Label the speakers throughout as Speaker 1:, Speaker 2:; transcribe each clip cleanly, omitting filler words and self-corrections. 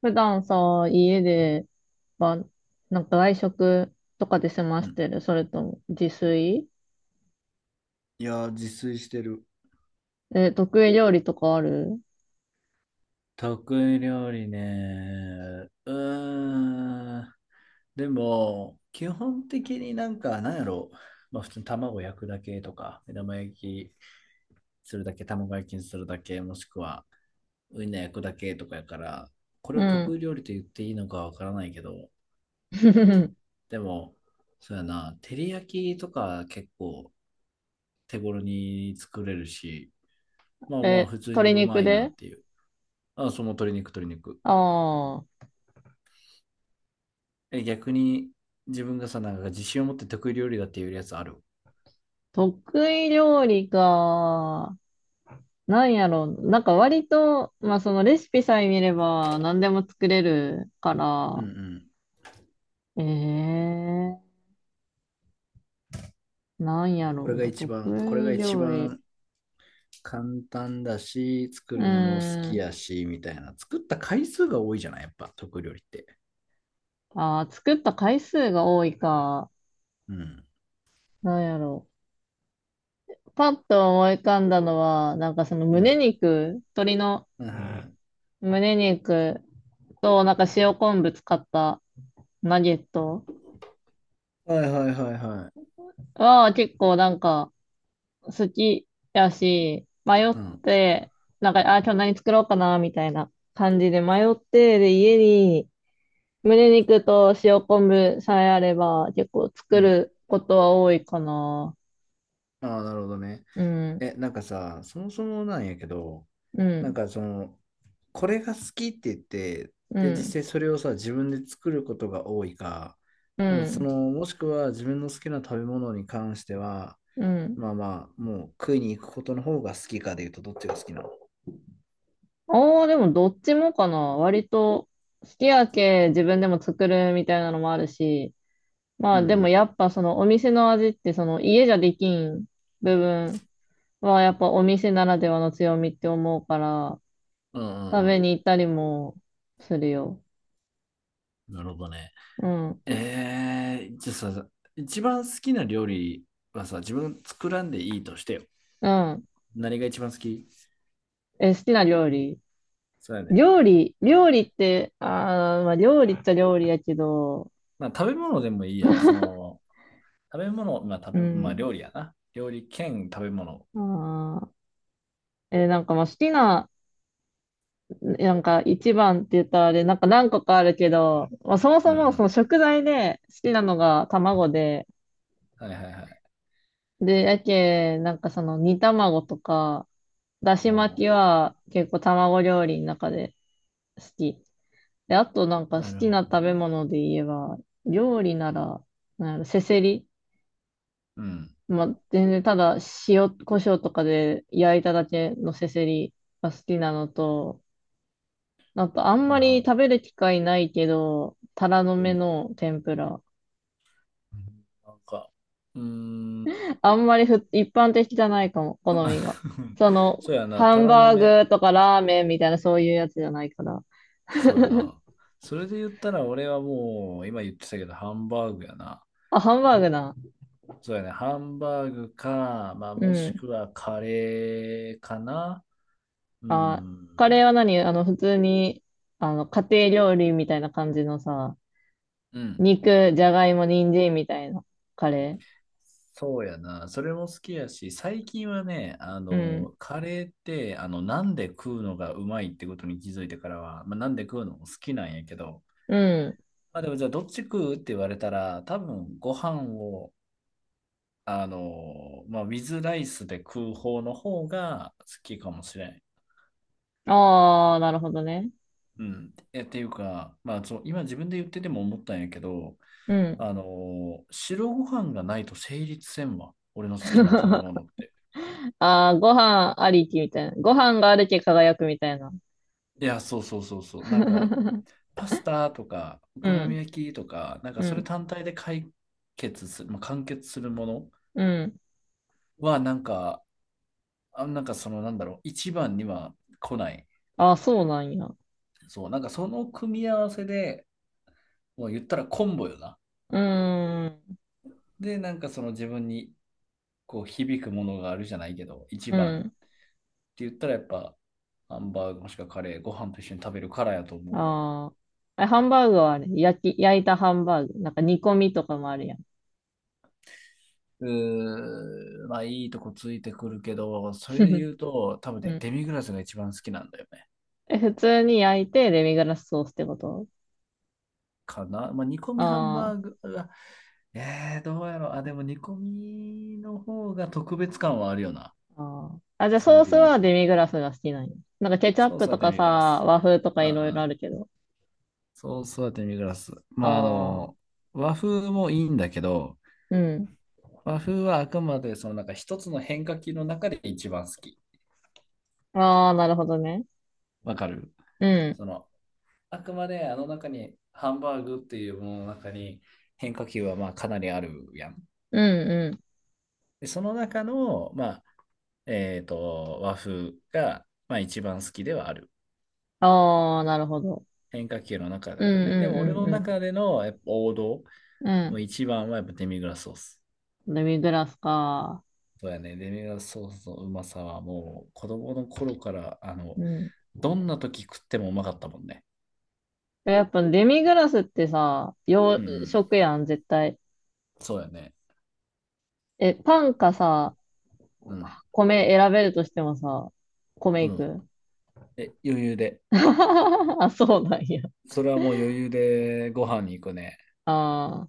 Speaker 1: 普段さ、家で、ば、なんか外食とかで済ま
Speaker 2: う
Speaker 1: し
Speaker 2: ん。
Speaker 1: てる、それとも自炊？
Speaker 2: 自炊してる。
Speaker 1: え、得意料理とかある？
Speaker 2: 得意料理ね。でも、基本的になんか、なんやろまあ、普通に卵焼くだけとか、目玉焼きするだけ、卵焼きにするだけ、もしくはウインナー焼くだけとかやから、これを
Speaker 1: う
Speaker 2: 得
Speaker 1: ん。
Speaker 2: 意料理と言っていいのかわからないけど、でも、そうやな、照り焼きとか結構手頃に作れるし、まあまあ、
Speaker 1: え、
Speaker 2: 普通にう
Speaker 1: 鶏肉
Speaker 2: まいな
Speaker 1: で？
Speaker 2: っていう。あ、その鶏肉、鶏肉。
Speaker 1: ああー、
Speaker 2: え、逆に自分がさ、なんか自信を持って得意料理だっていうやつある。
Speaker 1: 得意料理か。なんやろう。なんか割と、まあそのレシピさえ見れば何でも作れるか
Speaker 2: うん
Speaker 1: ら、
Speaker 2: う
Speaker 1: ええー、なんや
Speaker 2: ん。
Speaker 1: ろ
Speaker 2: これ
Speaker 1: う
Speaker 2: が
Speaker 1: な。
Speaker 2: 一
Speaker 1: 得
Speaker 2: 番、これ
Speaker 1: 意
Speaker 2: が一
Speaker 1: 料理。
Speaker 2: 番簡単だし、作
Speaker 1: う
Speaker 2: るのも好
Speaker 1: ー
Speaker 2: き
Speaker 1: ん。
Speaker 2: やし、みたいな。作った回数が多いじゃないやっぱ、得意料理って。
Speaker 1: ああ、作った回数が多いか。
Speaker 2: うん。
Speaker 1: なんやろう。パッと思い浮かんだのは、なんかその
Speaker 2: う
Speaker 1: 胸
Speaker 2: ん。
Speaker 1: 肉、鶏の
Speaker 2: うん。
Speaker 1: 胸肉と、なんか塩昆布使ったナゲット
Speaker 2: はいはいはいはい。はいはいはいはい。
Speaker 1: は結構なんか好きやし、迷っ
Speaker 2: うん。
Speaker 1: て、なんか、あ、今日何作ろうかな、みたいな感じで迷って、で、家に胸肉と塩昆布さえあれば、結構
Speaker 2: う
Speaker 1: 作
Speaker 2: ん。
Speaker 1: ることは多いかな。
Speaker 2: ああ、なるほどね。
Speaker 1: うん、
Speaker 2: え、なんかさ、そもそもなんやけど、
Speaker 1: う
Speaker 2: なん
Speaker 1: ん、
Speaker 2: かその、これが好きって言って、
Speaker 1: う
Speaker 2: で、実
Speaker 1: ん、
Speaker 2: 際それをさ、自分で作ることが多いか、
Speaker 1: う
Speaker 2: もうそ
Speaker 1: ん、
Speaker 2: の、もしくは自分の好きな食べ物に関しては、
Speaker 1: うん。
Speaker 2: まあまあ、もう食いに行くことの方が好きかで言うと、どっちが好きなの？
Speaker 1: ああ、でもどっちもかな。割と、すき焼き自分でも作るみたいなのもあるし、ま
Speaker 2: うん
Speaker 1: あ
Speaker 2: う
Speaker 1: でも
Speaker 2: ん。
Speaker 1: やっぱそのお店の味ってその家じゃできん部分はやっぱお店ならではの強みって思うから、
Speaker 2: うん
Speaker 1: 食
Speaker 2: う
Speaker 1: べ
Speaker 2: ん
Speaker 1: に行ったりもするよ。
Speaker 2: うん。なるほどね。
Speaker 1: うん。
Speaker 2: えー、じゃあさ、一番好きな料理はさ、自分作らんでいいとしてよ。
Speaker 1: うん。
Speaker 2: 何が一番好き？
Speaker 1: え、好きな料理。
Speaker 2: そうやね。
Speaker 1: 料理、料理って、ああ、まあ料理っちゃ料理やけど、
Speaker 2: まあ、食べ物でもいいや。その、食べ物、まあ食
Speaker 1: う
Speaker 2: べ、まあ
Speaker 1: ん。
Speaker 2: 料理やな。料理兼食べ物。
Speaker 1: ああ、え、なんかまあ好きな、なんか一番って言ったらあれ、なんか何個かあるけど、まあ、そも
Speaker 2: う
Speaker 1: そ
Speaker 2: んう
Speaker 1: もその
Speaker 2: ん。
Speaker 1: 食材で好きなのが卵で、
Speaker 2: はいはいはい。
Speaker 1: で、やけ、なんかその煮卵とか、だ
Speaker 2: お
Speaker 1: し巻き
Speaker 2: ー。
Speaker 1: は結構卵料理の中で好き。で、あとなんか好
Speaker 2: なる
Speaker 1: き
Speaker 2: ほ
Speaker 1: な
Speaker 2: ど
Speaker 1: 食べ
Speaker 2: ね。
Speaker 1: 物で言えば、料理なら、なんやろせせり。
Speaker 2: うん。
Speaker 1: まあ、全然ただ塩、胡椒とかで焼いただけのせせりが好きなのと、なんかあん
Speaker 2: な
Speaker 1: ま
Speaker 2: るほ
Speaker 1: り
Speaker 2: ど。
Speaker 1: 食べる機会ないけど、タラの
Speaker 2: う
Speaker 1: 芽
Speaker 2: ん。
Speaker 1: の天ぷら。
Speaker 2: なんか、うーん。
Speaker 1: あんまりふ、一般的じゃないかも、好みが。その、
Speaker 2: そうやな、
Speaker 1: ハ
Speaker 2: タ
Speaker 1: ン
Speaker 2: ラの
Speaker 1: バ
Speaker 2: 芽。
Speaker 1: ーグとかラーメンみたいなそういうやつじゃないから。
Speaker 2: そうやな。それで言ったら俺はもう、今言ってたけど、ハンバーグやな。
Speaker 1: あ、ハンバーグな。
Speaker 2: そうやね、ハンバーグか、まあ
Speaker 1: う
Speaker 2: もし
Speaker 1: ん。
Speaker 2: くはカレーかな。う
Speaker 1: あ、
Speaker 2: ん。
Speaker 1: カレーは何あの、普通に、あの、家庭料理みたいな感じのさ、
Speaker 2: うん。
Speaker 1: 肉、じゃがいも、人参みたいなカレ
Speaker 2: そうやな。それも好きやし、最近はね、あ
Speaker 1: ー。うん。
Speaker 2: の、カレーって、あの、なんで食うのがうまいってことに気づいてからは、まあ、なんで食うのも好きなんやけど、
Speaker 1: うん。
Speaker 2: まあでもじゃあどっち食うって言われたら、多分ご飯を、あの、まあ、ウィズライスで食う方の方が好きかもしれん。
Speaker 1: ああ、なるほどね。
Speaker 2: うん。え、っていうか、まあそう、今自分で言ってても思ったんやけど、
Speaker 1: うん。
Speaker 2: あの、白ご飯がないと成立せんわ。俺の好きな食べ 物って。
Speaker 1: ああ、ご飯ありきみたいな。ご飯があるけ輝くみたいな。
Speaker 2: いや、そうそうそうそう。パスタとか、お
Speaker 1: う
Speaker 2: 好み
Speaker 1: ん、
Speaker 2: 焼きとか、なんか
Speaker 1: う
Speaker 2: それ
Speaker 1: ん、
Speaker 2: 単体で解決する、まあ、完結するもの
Speaker 1: うん。
Speaker 2: は、一番には来ない。
Speaker 1: ああ、そうなんや。う
Speaker 2: そう、なんかその組み合わせで、もう言ったらコンボよな。
Speaker 1: ーん、
Speaker 2: で、なんかその自分にこう響くものがあるじゃないけど、一
Speaker 1: う
Speaker 2: 番っ
Speaker 1: ん。
Speaker 2: て言ったらやっぱ、ハンバーグもしくはカレー、ご飯と一緒に食べるからやと思うわ。
Speaker 1: ああ。え、ハンバーグはあれ、焼いたハンバーグ。なんか煮込みとかもあるやん。
Speaker 2: うー、まあいいとこついてくるけど、それで 言うと、多分
Speaker 1: う
Speaker 2: ね、
Speaker 1: ん。
Speaker 2: デミグラスが一番好きなんだよね。
Speaker 1: え、普通に焼いてデミグラスソースってこと？
Speaker 2: かな。まあ、煮込みハン
Speaker 1: あ
Speaker 2: バーグは、どうやろう。あ、でも煮込みの方が特別感はあるよな。
Speaker 1: あ、ああ。あ、じゃあ
Speaker 2: それ
Speaker 1: ソー
Speaker 2: で
Speaker 1: ス
Speaker 2: 言う
Speaker 1: はデ
Speaker 2: と。
Speaker 1: ミグラスが好きなんや。なんかケチャッ
Speaker 2: ソー
Speaker 1: プ
Speaker 2: スは
Speaker 1: と
Speaker 2: デ
Speaker 1: か
Speaker 2: ミ
Speaker 1: さ、
Speaker 2: グラス。
Speaker 1: 和風とか
Speaker 2: うん
Speaker 1: い
Speaker 2: う
Speaker 1: ろいろあ
Speaker 2: ん。
Speaker 1: るけど。
Speaker 2: ソースはデミグラス。まあ、あ
Speaker 1: ああ、
Speaker 2: の、和風もいいんだけど、
Speaker 1: うん。
Speaker 2: 和風はあくまでそのなんか一つの変化球の中で一番好き。
Speaker 1: ああ、なるほどね。
Speaker 2: わかる？
Speaker 1: うん、
Speaker 2: その、あくまであの中にハンバーグっていうものの中に変化球はまあかなりあるやん。
Speaker 1: うん、うん、
Speaker 2: で、その中の、まあ、和風が、まあ、一番好きではある。
Speaker 1: ああ、なるほど。
Speaker 2: 変化球の中
Speaker 1: うん
Speaker 2: だね。でも俺
Speaker 1: う
Speaker 2: の
Speaker 1: んう
Speaker 2: 中でのやっぱ王道、
Speaker 1: んうんう
Speaker 2: もう
Speaker 1: ん。
Speaker 2: 一番はやっぱデミグラスソース。
Speaker 1: デミグラスか。
Speaker 2: そうやね、デミグラスソースのうまさはもう子供の頃から、あの、
Speaker 1: うん。
Speaker 2: どんな時食ってもうまかったもんね。
Speaker 1: え、やっぱデミグラスってさ、
Speaker 2: う
Speaker 1: 洋
Speaker 2: んうん。
Speaker 1: 食やん、絶対。
Speaker 2: そうやね。
Speaker 1: え、パンかさ、
Speaker 2: うん。
Speaker 1: 米選べるとしてもさ、米い
Speaker 2: うん。
Speaker 1: く。
Speaker 2: え、余裕で。
Speaker 1: あ、そうなんや。
Speaker 2: それはもう余裕でご飯に行くね。
Speaker 1: ああ。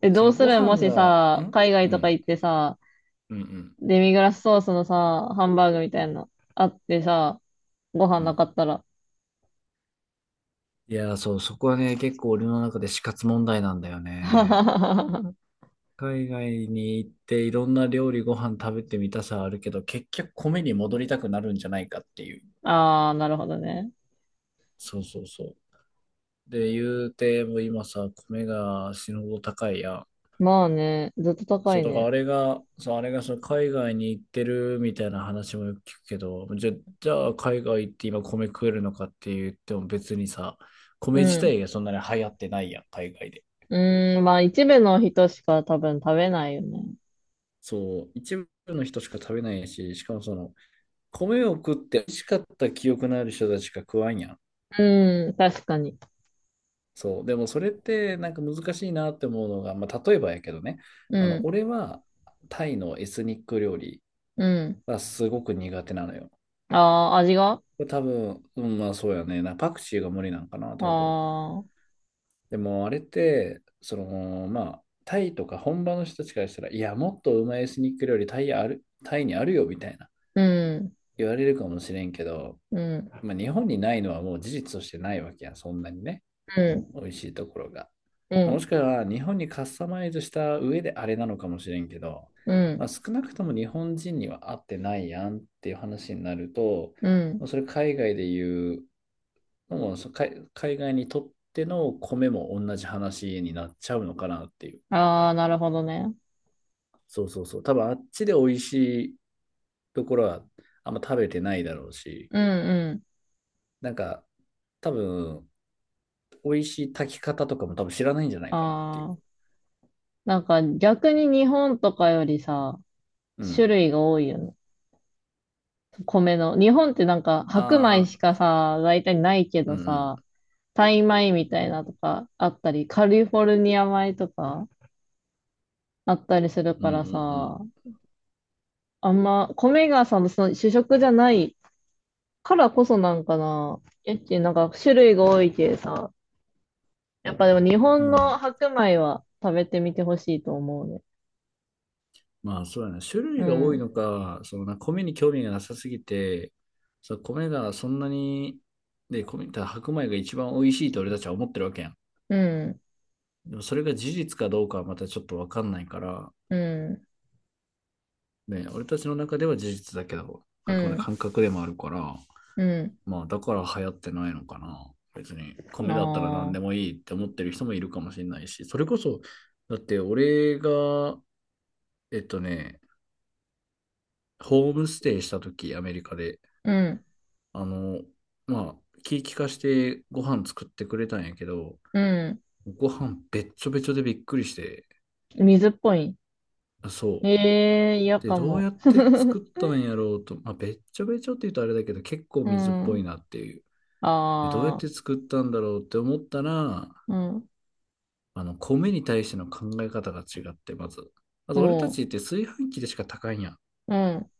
Speaker 1: え、
Speaker 2: そ
Speaker 1: どう
Speaker 2: の
Speaker 1: す
Speaker 2: ご
Speaker 1: る、も
Speaker 2: 飯
Speaker 1: し
Speaker 2: が、
Speaker 1: さ、
Speaker 2: ん。
Speaker 1: 海外
Speaker 2: う
Speaker 1: とか
Speaker 2: ん。
Speaker 1: 行ってさ、
Speaker 2: うんうん。
Speaker 1: デミグラスソースのさ、ハンバーグみ
Speaker 2: う
Speaker 1: た
Speaker 2: ん。
Speaker 1: いなのあってさ、ご飯
Speaker 2: う
Speaker 1: な
Speaker 2: ん。
Speaker 1: かったら。
Speaker 2: そう、そこはね、結構俺の中で死活問題なんだよ ね。
Speaker 1: あ
Speaker 2: 海外に行っていろんな料理ご飯食べてみたさはあるけど、結局米に戻りたくなるんじゃないかっていう。
Speaker 1: あ、なるほどね。
Speaker 2: そうそうそう。で、言うても今さ、米が死ぬほど高いやん。
Speaker 1: まあね、ずっと高
Speaker 2: そう、
Speaker 1: い
Speaker 2: だから
Speaker 1: ね。
Speaker 2: あれが、そう、あれがその海外に行ってるみたいな話もよく聞くけど、じゃ、じゃあ海外行って今米食えるのかって言っても別にさ、
Speaker 1: う
Speaker 2: 米自
Speaker 1: ん。
Speaker 2: 体がそんなに流行ってないやん、海外で。
Speaker 1: うーん、まあ一部の人しか多分食べないよね。
Speaker 2: そう、一部の人しか食べないし、しかもその、米を食って美味しかった記憶のある人たちが食わんやん。
Speaker 1: うん、確かに。
Speaker 2: そう。でもそれってなんか難しいなって思うのが、まあ、例えばやけどね、あ
Speaker 1: う
Speaker 2: の
Speaker 1: ん、
Speaker 2: 俺はタイのエスニック料理
Speaker 1: うん。
Speaker 2: がすごく苦手なのよ。
Speaker 1: ああ、味が？あ
Speaker 2: 多分、うん、まあそうやね。パクチーが無理なんかな、多分。
Speaker 1: あー、
Speaker 2: でもあれって、その、まあ、タイとか本場の人たちからしたら、いや、もっとうまいエスニック料理タイある、タイにあるよみたいな
Speaker 1: うん、
Speaker 2: 言われるかもしれんけど、
Speaker 1: うん、
Speaker 2: まあ、日本にないのはもう事実としてないわけやん、そんなにね。
Speaker 1: うん、
Speaker 2: 美味しいところが。
Speaker 1: うん、
Speaker 2: もしくは日本にカスタマイズした上であれなのかもしれんけど、
Speaker 1: う
Speaker 2: まあ、
Speaker 1: ん、
Speaker 2: 少なくとも日本人には合ってないやんっていう話になると、
Speaker 1: うん。
Speaker 2: それ海外で言う、もう海外にとっての米も同じ話になっちゃうのかなっていう。
Speaker 1: ああ、なるほどね。
Speaker 2: そうそうそう。多分あっちで美味しいところはあんま食べてないだろうし、
Speaker 1: うん、うん。
Speaker 2: なんか多分美味しい炊き方とかも多分知らないんじゃない
Speaker 1: あ
Speaker 2: かなっていう。
Speaker 1: あ、なんか逆に日本とかよりさ、
Speaker 2: う
Speaker 1: 種
Speaker 2: ん。
Speaker 1: 類が多いよね。米の。日本ってなんか白
Speaker 2: あ
Speaker 1: 米
Speaker 2: あ、
Speaker 1: しかさ、大体ないけ
Speaker 2: うん
Speaker 1: ど
Speaker 2: うん
Speaker 1: さ、タイ米みたいなとかあったり、カリフォルニア米とか。あったりする
Speaker 2: うん
Speaker 1: か
Speaker 2: う
Speaker 1: ら
Speaker 2: ん
Speaker 1: さ、あんま、米がさ、その主食じゃないからこそなんかな。えっち、なんか種類が多いけさ、やっぱでも日
Speaker 2: うん。う
Speaker 1: 本の
Speaker 2: ん。
Speaker 1: 白米は食べてみてほしいと思うね。
Speaker 2: まあそうやな。種
Speaker 1: う
Speaker 2: 類が多い
Speaker 1: ん、
Speaker 2: のか、そのな、米に興味がなさすぎて、そう、米がそんなに、で、米、ただ白米が一番美味しいと俺たちは思ってるわけやん。
Speaker 1: うん、
Speaker 2: でもそれが事実かどうかはまたちょっとわかんないから、
Speaker 1: うん、
Speaker 2: ね、俺たちの中では事実だけど、
Speaker 1: う
Speaker 2: あくまで
Speaker 1: ん、
Speaker 2: 感覚でもあるから、
Speaker 1: う
Speaker 2: まあだから流行ってないのかな。別に
Speaker 1: ん、
Speaker 2: 米だったら
Speaker 1: あ
Speaker 2: 何でも
Speaker 1: あ、
Speaker 2: いいって思ってる人もいるかもしれないし、それこそ、だって俺が、えっとね、ホームステイした時、アメリカで、
Speaker 1: うん、
Speaker 2: あの、まあ、気利かしてご飯作ってくれたんやけど、
Speaker 1: うん。
Speaker 2: ご飯べっちょべちょでびっくりして、
Speaker 1: 水っぽい。
Speaker 2: あそう。
Speaker 1: ええ嫌
Speaker 2: で、
Speaker 1: か
Speaker 2: どうや
Speaker 1: も。
Speaker 2: って 作ったんやろうと、まあ、べっちょべちょって言うとあれだけど、結構
Speaker 1: う
Speaker 2: 水っぽ
Speaker 1: ん、
Speaker 2: いなっていう。で、どうやっ
Speaker 1: ああ、
Speaker 2: て作ったんだろうって思ったら、
Speaker 1: うん、
Speaker 2: あの、米に対しての考え方が違って、まず。まず
Speaker 1: お
Speaker 2: 俺た
Speaker 1: う、
Speaker 2: ちって炊飯器でしか炊かんやん。
Speaker 1: うん、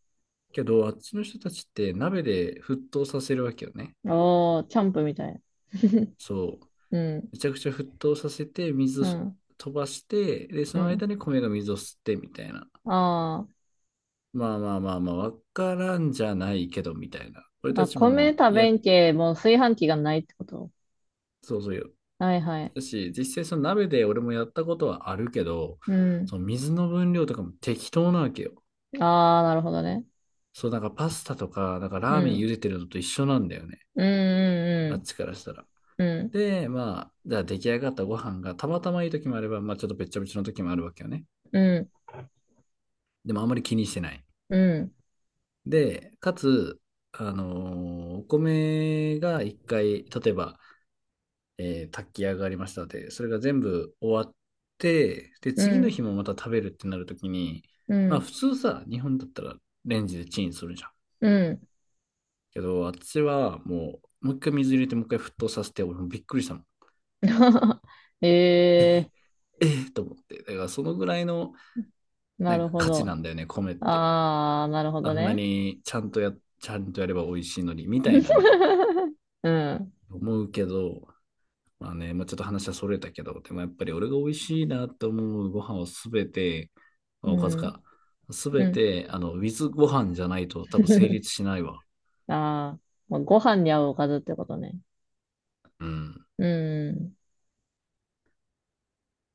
Speaker 2: けど、あっちの人たちって鍋で沸騰させるわけよね。
Speaker 1: ああ、チャンプみたい。
Speaker 2: そう。
Speaker 1: うん、
Speaker 2: めちゃくちゃ沸騰させて、水を
Speaker 1: うん、
Speaker 2: 飛ばして、で、
Speaker 1: う
Speaker 2: その間
Speaker 1: ん。
Speaker 2: に米が水を吸ってみたいな。
Speaker 1: ああ、
Speaker 2: まあまあまあまあ、わからんじゃないけどみたいな。俺た
Speaker 1: あ、
Speaker 2: ち
Speaker 1: 米
Speaker 2: も、
Speaker 1: 食
Speaker 2: や、
Speaker 1: べんけ、もう炊飯器がないってこと？
Speaker 2: そうそうよ。
Speaker 1: はいはい。
Speaker 2: だし、実際その鍋で俺もやったことはあるけど、
Speaker 1: うん。
Speaker 2: その水の分量とかも適当なわけよ。
Speaker 1: ああ、なるほどね。
Speaker 2: そう、なんかパスタとか、なんか
Speaker 1: う
Speaker 2: ラーメン
Speaker 1: ん。
Speaker 2: 茹でてるのと一緒なんだよね。
Speaker 1: う
Speaker 2: あっ
Speaker 1: ん、
Speaker 2: ちからしたら。
Speaker 1: うん、うん、
Speaker 2: で、まあ、じゃあ出来上がったご飯がたまたまいい時もあれば、まあちょっとべっちゃべちゃの時もあるわけよね。
Speaker 1: うん、
Speaker 2: でもあんまり気にしてない。
Speaker 1: うん、
Speaker 2: で、かつ、あの、お米が一回、例えば、炊き上がりましたので、それが全部終わって、で、
Speaker 1: う
Speaker 2: 次の日
Speaker 1: ん、
Speaker 2: もまた食べるってなるときに、
Speaker 1: う
Speaker 2: まあ
Speaker 1: ん、
Speaker 2: 普通さ、日本だったらレンジでチンするじゃん。
Speaker 1: うん。
Speaker 2: けど、私はもう、もう一回水入れてもう一回沸騰させて、俺もびっくりしたもん。
Speaker 1: ええ
Speaker 2: ええと思って。だからそのぐらいの、
Speaker 1: ー、な
Speaker 2: なん
Speaker 1: る
Speaker 2: か
Speaker 1: ほ
Speaker 2: 価値
Speaker 1: ど。
Speaker 2: なんだよね、米って。
Speaker 1: ああ、なるほ
Speaker 2: あ
Speaker 1: ど
Speaker 2: んな
Speaker 1: ね。
Speaker 2: にちゃんとや、ちゃんとやれば美味しいのに、みたいなね、
Speaker 1: うん、
Speaker 2: 思うけど、まあね、まあ、ちょっと話はそれたけど、でもやっぱり俺が美味しいなと思うご飯をすべて、ま
Speaker 1: う
Speaker 2: あおかず
Speaker 1: ん、
Speaker 2: か、す
Speaker 1: う
Speaker 2: べ
Speaker 1: ん。
Speaker 2: て、あの、with ご飯じゃないと多分成立しないわ。
Speaker 1: ああ、まあご飯に合うおかずってことね。
Speaker 2: うん。
Speaker 1: うん。